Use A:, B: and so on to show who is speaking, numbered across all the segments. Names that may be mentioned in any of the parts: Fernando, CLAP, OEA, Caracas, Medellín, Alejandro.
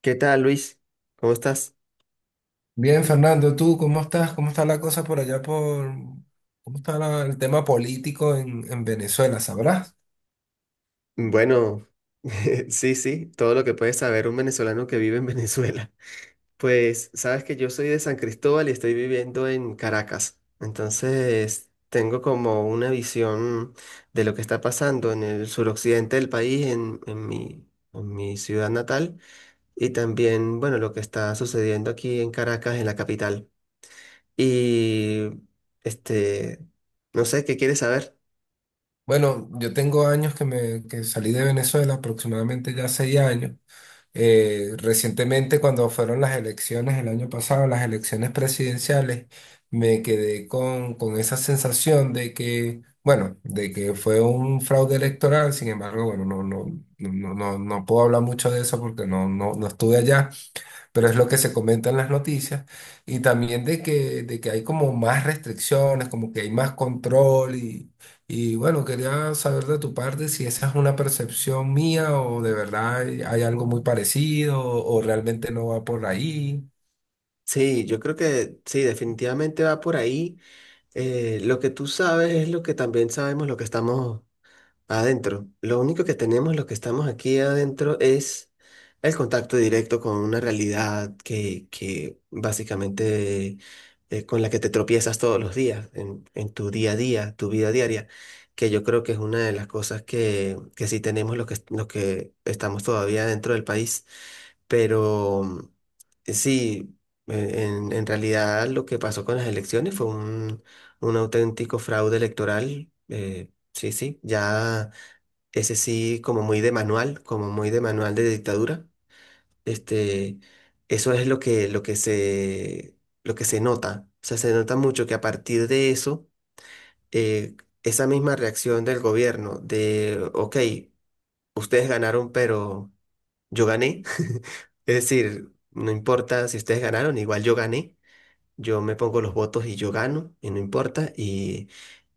A: ¿Qué tal, Luis? ¿Cómo estás?
B: Bien, Fernando, ¿tú cómo estás? ¿Cómo está la cosa por allá por... ¿Cómo está el tema político en Venezuela? ¿Sabrás?
A: Bueno, sí, sí, todo lo que puede saber un venezolano que vive en Venezuela. Pues sabes que yo soy de San Cristóbal y estoy viviendo en Caracas. Entonces, tengo como una visión de lo que está pasando en el suroccidente del país, en mi, en mi ciudad natal, y también, bueno, lo que está sucediendo aquí en Caracas, en la capital. Y, este, no sé, ¿qué quieres saber?
B: Bueno, yo tengo años que me que salí de Venezuela, aproximadamente ya 6 años. Recientemente, cuando fueron las elecciones el año pasado, las elecciones presidenciales, me quedé con esa sensación de que, bueno, de que fue un fraude electoral. Sin embargo, bueno, no, no, no, no, no puedo hablar mucho de eso porque no, no, no estuve allá. Pero es lo que se comenta en las noticias, y también de que hay como más restricciones, como que hay más control, y bueno, quería saber de tu parte si esa es una percepción mía o de verdad hay, hay algo muy parecido o realmente no va por ahí.
A: Sí, yo creo que sí, definitivamente va por ahí. Lo que tú sabes es lo que también sabemos, lo que estamos adentro. Lo único que tenemos, lo que estamos aquí adentro, es el contacto directo con una realidad que básicamente con la que te tropiezas todos los días, en tu día a día, tu vida diaria, que yo creo que es una de las cosas que sí tenemos los que estamos todavía dentro del país. Pero sí, en realidad lo que pasó con las elecciones fue un auténtico fraude electoral. Sí, sí, ya ese sí como muy de manual, como muy de manual de dictadura. Este, eso es lo que, lo que se nota. O sea, se nota mucho que a partir de eso, eh, esa misma reacción del gobierno de, ok, ustedes ganaron, pero yo gané. Es decir, no importa si ustedes ganaron, igual yo gané. Yo me pongo los votos y yo gano, y no importa.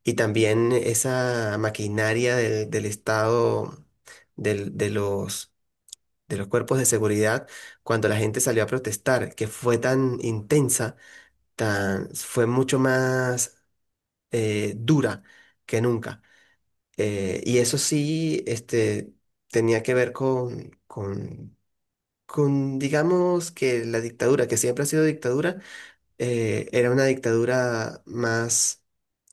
A: Y también esa maquinaria del Estado, del- de los, de los cuerpos de seguridad, cuando la gente salió a protestar, que fue tan intensa, tan, fue mucho más dura que nunca. Y eso sí, tenía que ver con con, digamos que la dictadura, que siempre ha sido dictadura, era una dictadura más,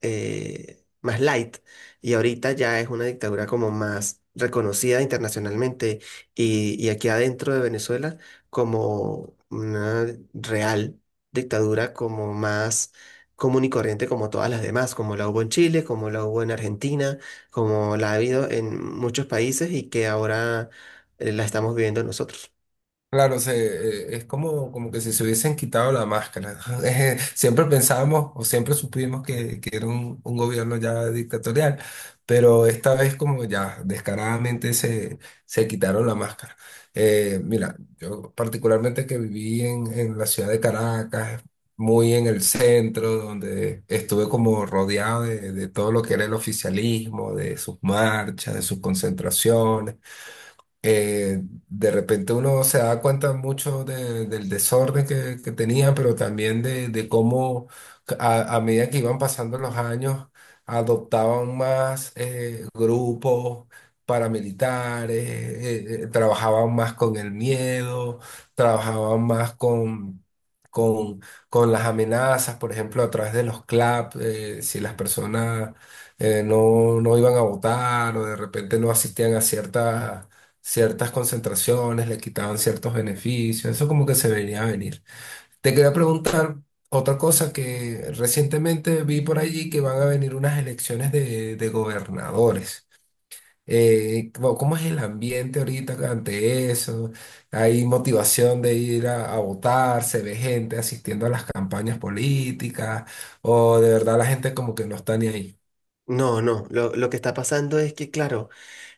A: más light y ahorita ya es una dictadura como más reconocida internacionalmente y aquí adentro de Venezuela como una real dictadura como más común y corriente como todas las demás, como la hubo en Chile, como la hubo en Argentina, como la ha habido en muchos países y que ahora la estamos viviendo nosotros.
B: Claro, se, es como, como que si se hubiesen quitado la máscara. Siempre pensábamos o siempre supimos que era un gobierno ya dictatorial, pero esta vez como ya descaradamente se, se quitaron la máscara. Mira, yo particularmente que viví en la ciudad de Caracas, muy en el centro, donde estuve como rodeado de todo lo que era el oficialismo, de sus marchas, de sus concentraciones, eh, de repente uno se da cuenta mucho del desorden que tenía, pero también de cómo a medida que iban pasando los años adoptaban más grupos paramilitares, trabajaban más con el miedo, trabajaban más con... Con, con las amenazas, por ejemplo, a través de los CLAP, si las personas no, no iban a votar o de repente no asistían a ciertas concentraciones, le quitaban ciertos beneficios, eso como que se venía a venir. Te quería preguntar otra cosa que recientemente vi por allí que van a venir unas elecciones de gobernadores. ¿Cómo es el ambiente ahorita ante eso? ¿Hay motivación de ir a votar? ¿Se ve gente asistiendo a las campañas políticas? ¿O de verdad la gente como que no está ni ahí?
A: No, no, lo que está pasando es que, claro,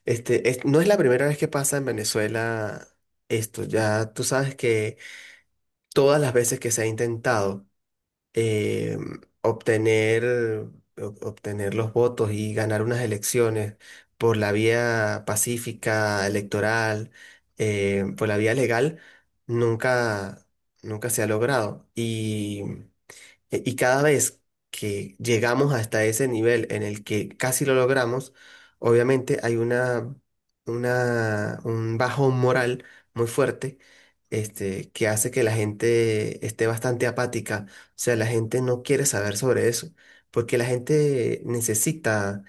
A: no es la primera vez que pasa en Venezuela esto, ya tú sabes que todas las veces que se ha intentado eh, obtener, obtener los votos y ganar unas elecciones por la vía pacífica, electoral, por la vía legal, nunca, nunca se ha logrado. Y y cada vez que llegamos hasta ese nivel en el que casi lo logramos, obviamente hay una, un bajón moral muy fuerte, que hace que la gente esté bastante apática. O sea, la gente no quiere saber sobre eso, porque la gente necesita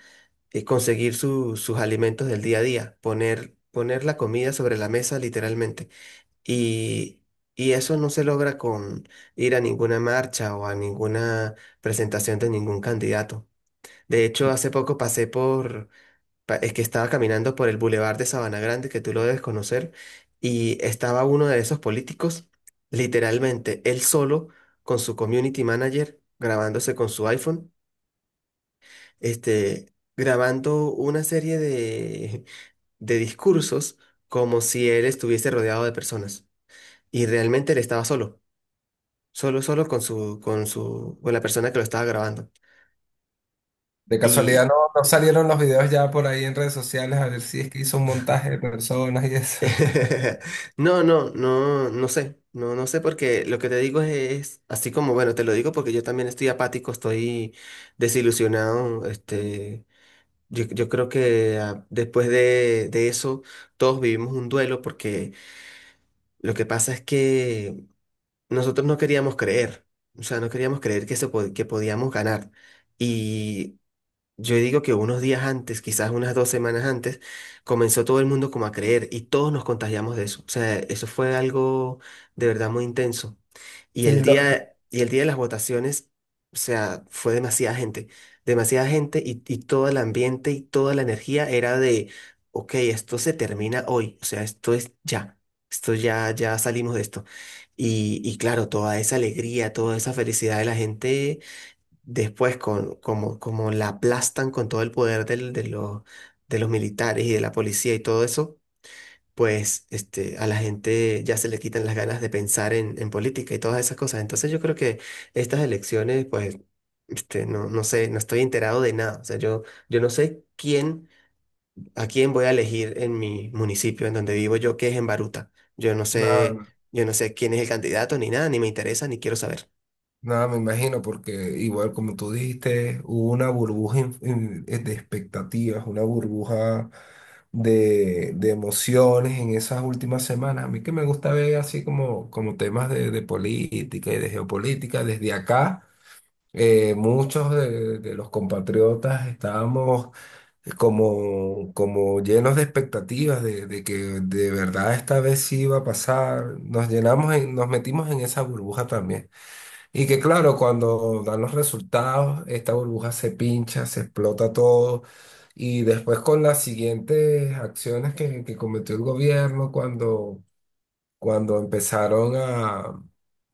A: conseguir sus alimentos del día a día, poner, poner la comida sobre la mesa literalmente. Y, y eso no se logra con ir a ninguna marcha o a ninguna presentación de ningún candidato. De hecho, hace poco pasé por, es que estaba caminando por el Boulevard de Sabana Grande, que tú lo debes conocer, y estaba uno de esos políticos, literalmente él solo, con su community manager, grabándose con su iPhone, grabando una serie de discursos como si él estuviese rodeado de personas. Y realmente él estaba solo. Solo, solo con su, con su, con la persona que lo estaba grabando.
B: De casualidad
A: Y
B: no, no salieron los videos ya por ahí en redes sociales a ver si es que hizo un montaje de personas y eso.
A: no, no, no, no sé. No, no sé porque lo que te digo es, así como, bueno, te lo digo porque yo también estoy apático, estoy desilusionado. Yo, yo creo que después de eso todos vivimos un duelo porque lo que pasa es que nosotros no queríamos creer. O sea, no queríamos creer que, que podíamos ganar. Y yo digo que unos días antes, quizás unas dos semanas antes, comenzó todo el mundo como a creer y todos nos contagiamos de eso. O sea, eso fue algo de verdad muy intenso.
B: Sí,
A: Y el día de las votaciones, o sea, fue demasiada gente y todo el ambiente y toda la energía era de, ok, esto se termina hoy, o sea, esto es ya, esto ya, ya salimos de esto. Y claro, toda esa alegría, toda esa felicidad de la gente después con, como, como la aplastan con todo el poder de los militares y de la policía y todo eso, pues a la gente ya se le quitan las ganas de pensar en política y todas esas cosas. Entonces yo creo que estas elecciones, pues, no, no sé, no estoy enterado de nada. O sea, yo no sé quién, a quién voy a elegir en mi municipio, en donde vivo yo, que es en Baruta. Yo no sé,
B: nada,
A: yo no sé quién es el candidato ni nada, ni me interesa, ni quiero saber.
B: nada, me imagino, porque igual como tú dijiste, hubo una burbuja de expectativas, una burbuja de emociones en esas últimas semanas. A mí que me gusta ver así como, como temas de política y de geopolítica desde acá. Muchos de los compatriotas estábamos como, como llenos de expectativas de que de verdad esta vez sí iba a pasar. Nos llenamos, nos metimos en esa burbuja también. Y que claro, cuando dan los resultados, esta burbuja se pincha, se explota todo. Y después con las siguientes acciones que cometió el gobierno, cuando, cuando empezaron a,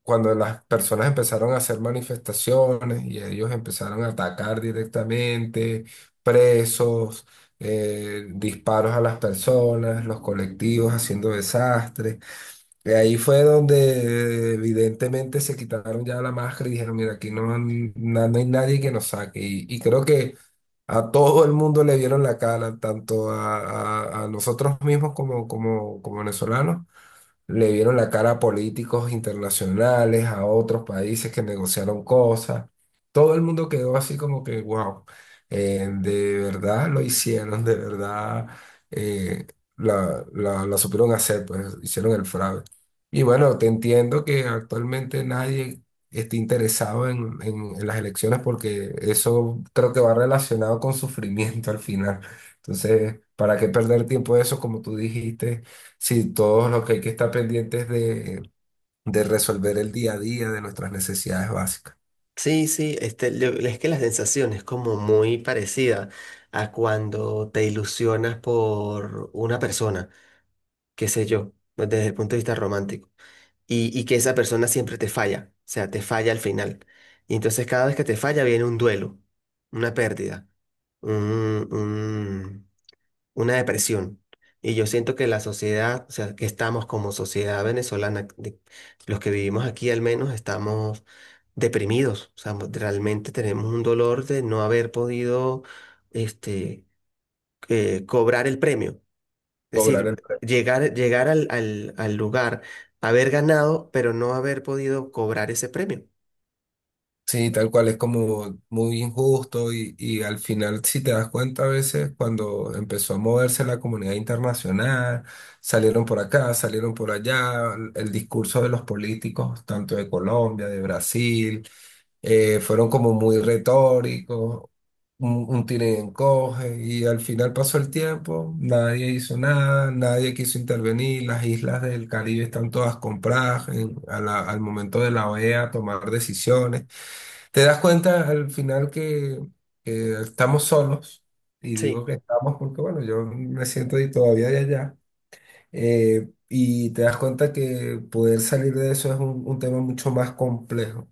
B: cuando las personas empezaron a hacer manifestaciones y ellos empezaron a atacar directamente, presos, disparos a las personas, los colectivos haciendo desastres. De ahí fue donde evidentemente se quitaron ya la máscara y dijeron, mira, aquí no, no hay nadie que nos saque. Y creo que a todo el mundo le vieron la cara, tanto a, a nosotros mismos como, como, como venezolanos, le vieron la cara a políticos internacionales, a otros países que negociaron cosas. Todo el mundo quedó así como que, wow, de verdad lo hicieron, de verdad eh, la, la, la supieron hacer, pues hicieron el fraude. Y bueno, te entiendo que actualmente nadie esté interesado en, en las elecciones porque eso creo que va relacionado con sufrimiento al final. Entonces, ¿para qué perder tiempo de eso, como tú dijiste? Sí, todo lo que hay que estar pendientes de resolver el día a día de nuestras necesidades básicas.
A: Sí, sí, es que la sensación es como muy parecida a cuando te ilusionas por una persona, qué sé yo, desde el punto de vista romántico, y que esa persona siempre te falla, o sea, te falla al final. Y entonces cada vez que te falla viene un duelo, una pérdida, un una depresión. Y yo siento que la sociedad, o sea, que estamos como sociedad venezolana, los que vivimos aquí al menos, estamos deprimidos. O sea, realmente tenemos un dolor de no haber podido, este, cobrar el premio. Es
B: Cobrar el.
A: decir, llegar, llegar al, al, al lugar, haber ganado, pero no haber podido cobrar ese premio.
B: Sí, tal cual, es como muy injusto y al final, si te das cuenta, a veces cuando empezó a moverse la comunidad internacional, salieron por acá, salieron por allá, el discurso de los políticos, tanto de Colombia, de Brasil, fueron como muy retóricos, un tira y encoge, y al final pasó el tiempo, nadie hizo nada, nadie quiso intervenir, las islas del Caribe están todas compradas al momento de la OEA tomar decisiones. Te das cuenta al final que estamos solos, y digo
A: Sí,
B: que estamos porque, bueno, yo me siento ahí todavía de allá, y te das cuenta que poder salir de eso es un tema mucho más complejo.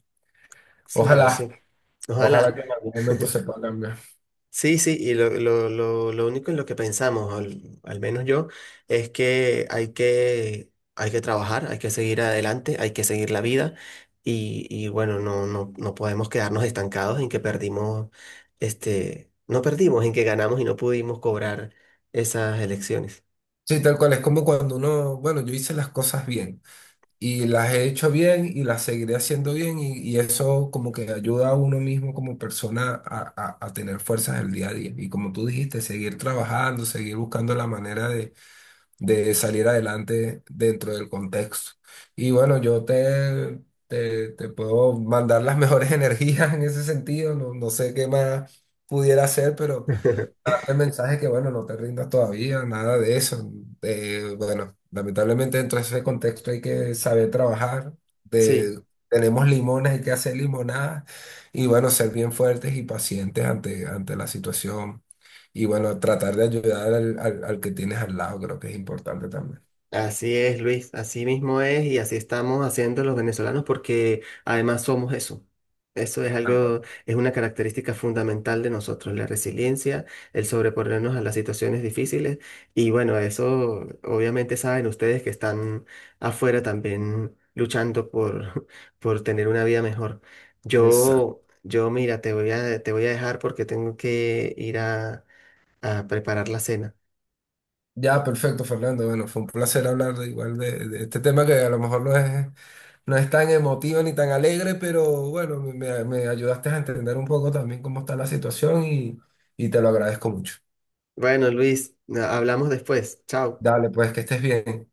A: claro,
B: Ojalá,
A: sí.
B: ojalá
A: Ojalá.
B: que en algún momento se pueda cambiar.
A: Sí, sí, y lo único en lo que pensamos, al, al menos yo, es que hay que, hay que trabajar, hay que seguir adelante, hay que seguir la vida y bueno, no, no, no podemos quedarnos estancados en que perdimos, no perdimos, en que ganamos y no pudimos cobrar esas elecciones.
B: Sí, tal cual, es como cuando uno, bueno, yo hice las cosas bien. Y las he hecho bien y las seguiré haciendo bien y eso como que ayuda a uno mismo como persona a, a tener fuerzas el día a día. Y como tú dijiste, seguir trabajando, seguir buscando la manera de salir adelante dentro del contexto. Y bueno, yo te, te, te puedo mandar las mejores energías en ese sentido, no, no sé qué más pudiera hacer, pero darte el mensaje que, bueno, no te rindas todavía, nada de eso. Bueno, lamentablemente dentro de ese contexto hay que saber trabajar.
A: Sí.
B: De, tenemos limones, hay que hacer limonadas y, bueno, ser bien fuertes y pacientes ante, ante la situación. Y, bueno, tratar de ayudar al, al, al que tienes al lado, creo que es importante también.
A: Así es, Luis, así mismo es y así estamos haciendo los venezolanos porque además somos eso. Eso es
B: Tal cual.
A: algo, es una característica fundamental de nosotros, la resiliencia, el sobreponernos a las situaciones difíciles y bueno, eso obviamente saben ustedes que están afuera también luchando por, por tener una vida mejor.
B: Exacto.
A: Yo mira, te voy a dejar porque tengo que ir a preparar la cena.
B: Ya, perfecto, Fernando. Bueno, fue un placer hablar de, igual de este tema que a lo mejor lo es. No es tan emotivo ni tan alegre, pero bueno, me, me ayudaste a entender un poco también cómo está la situación y te lo agradezco mucho.
A: Bueno, Luis, hablamos después. Chao.
B: Dale, pues que estés bien.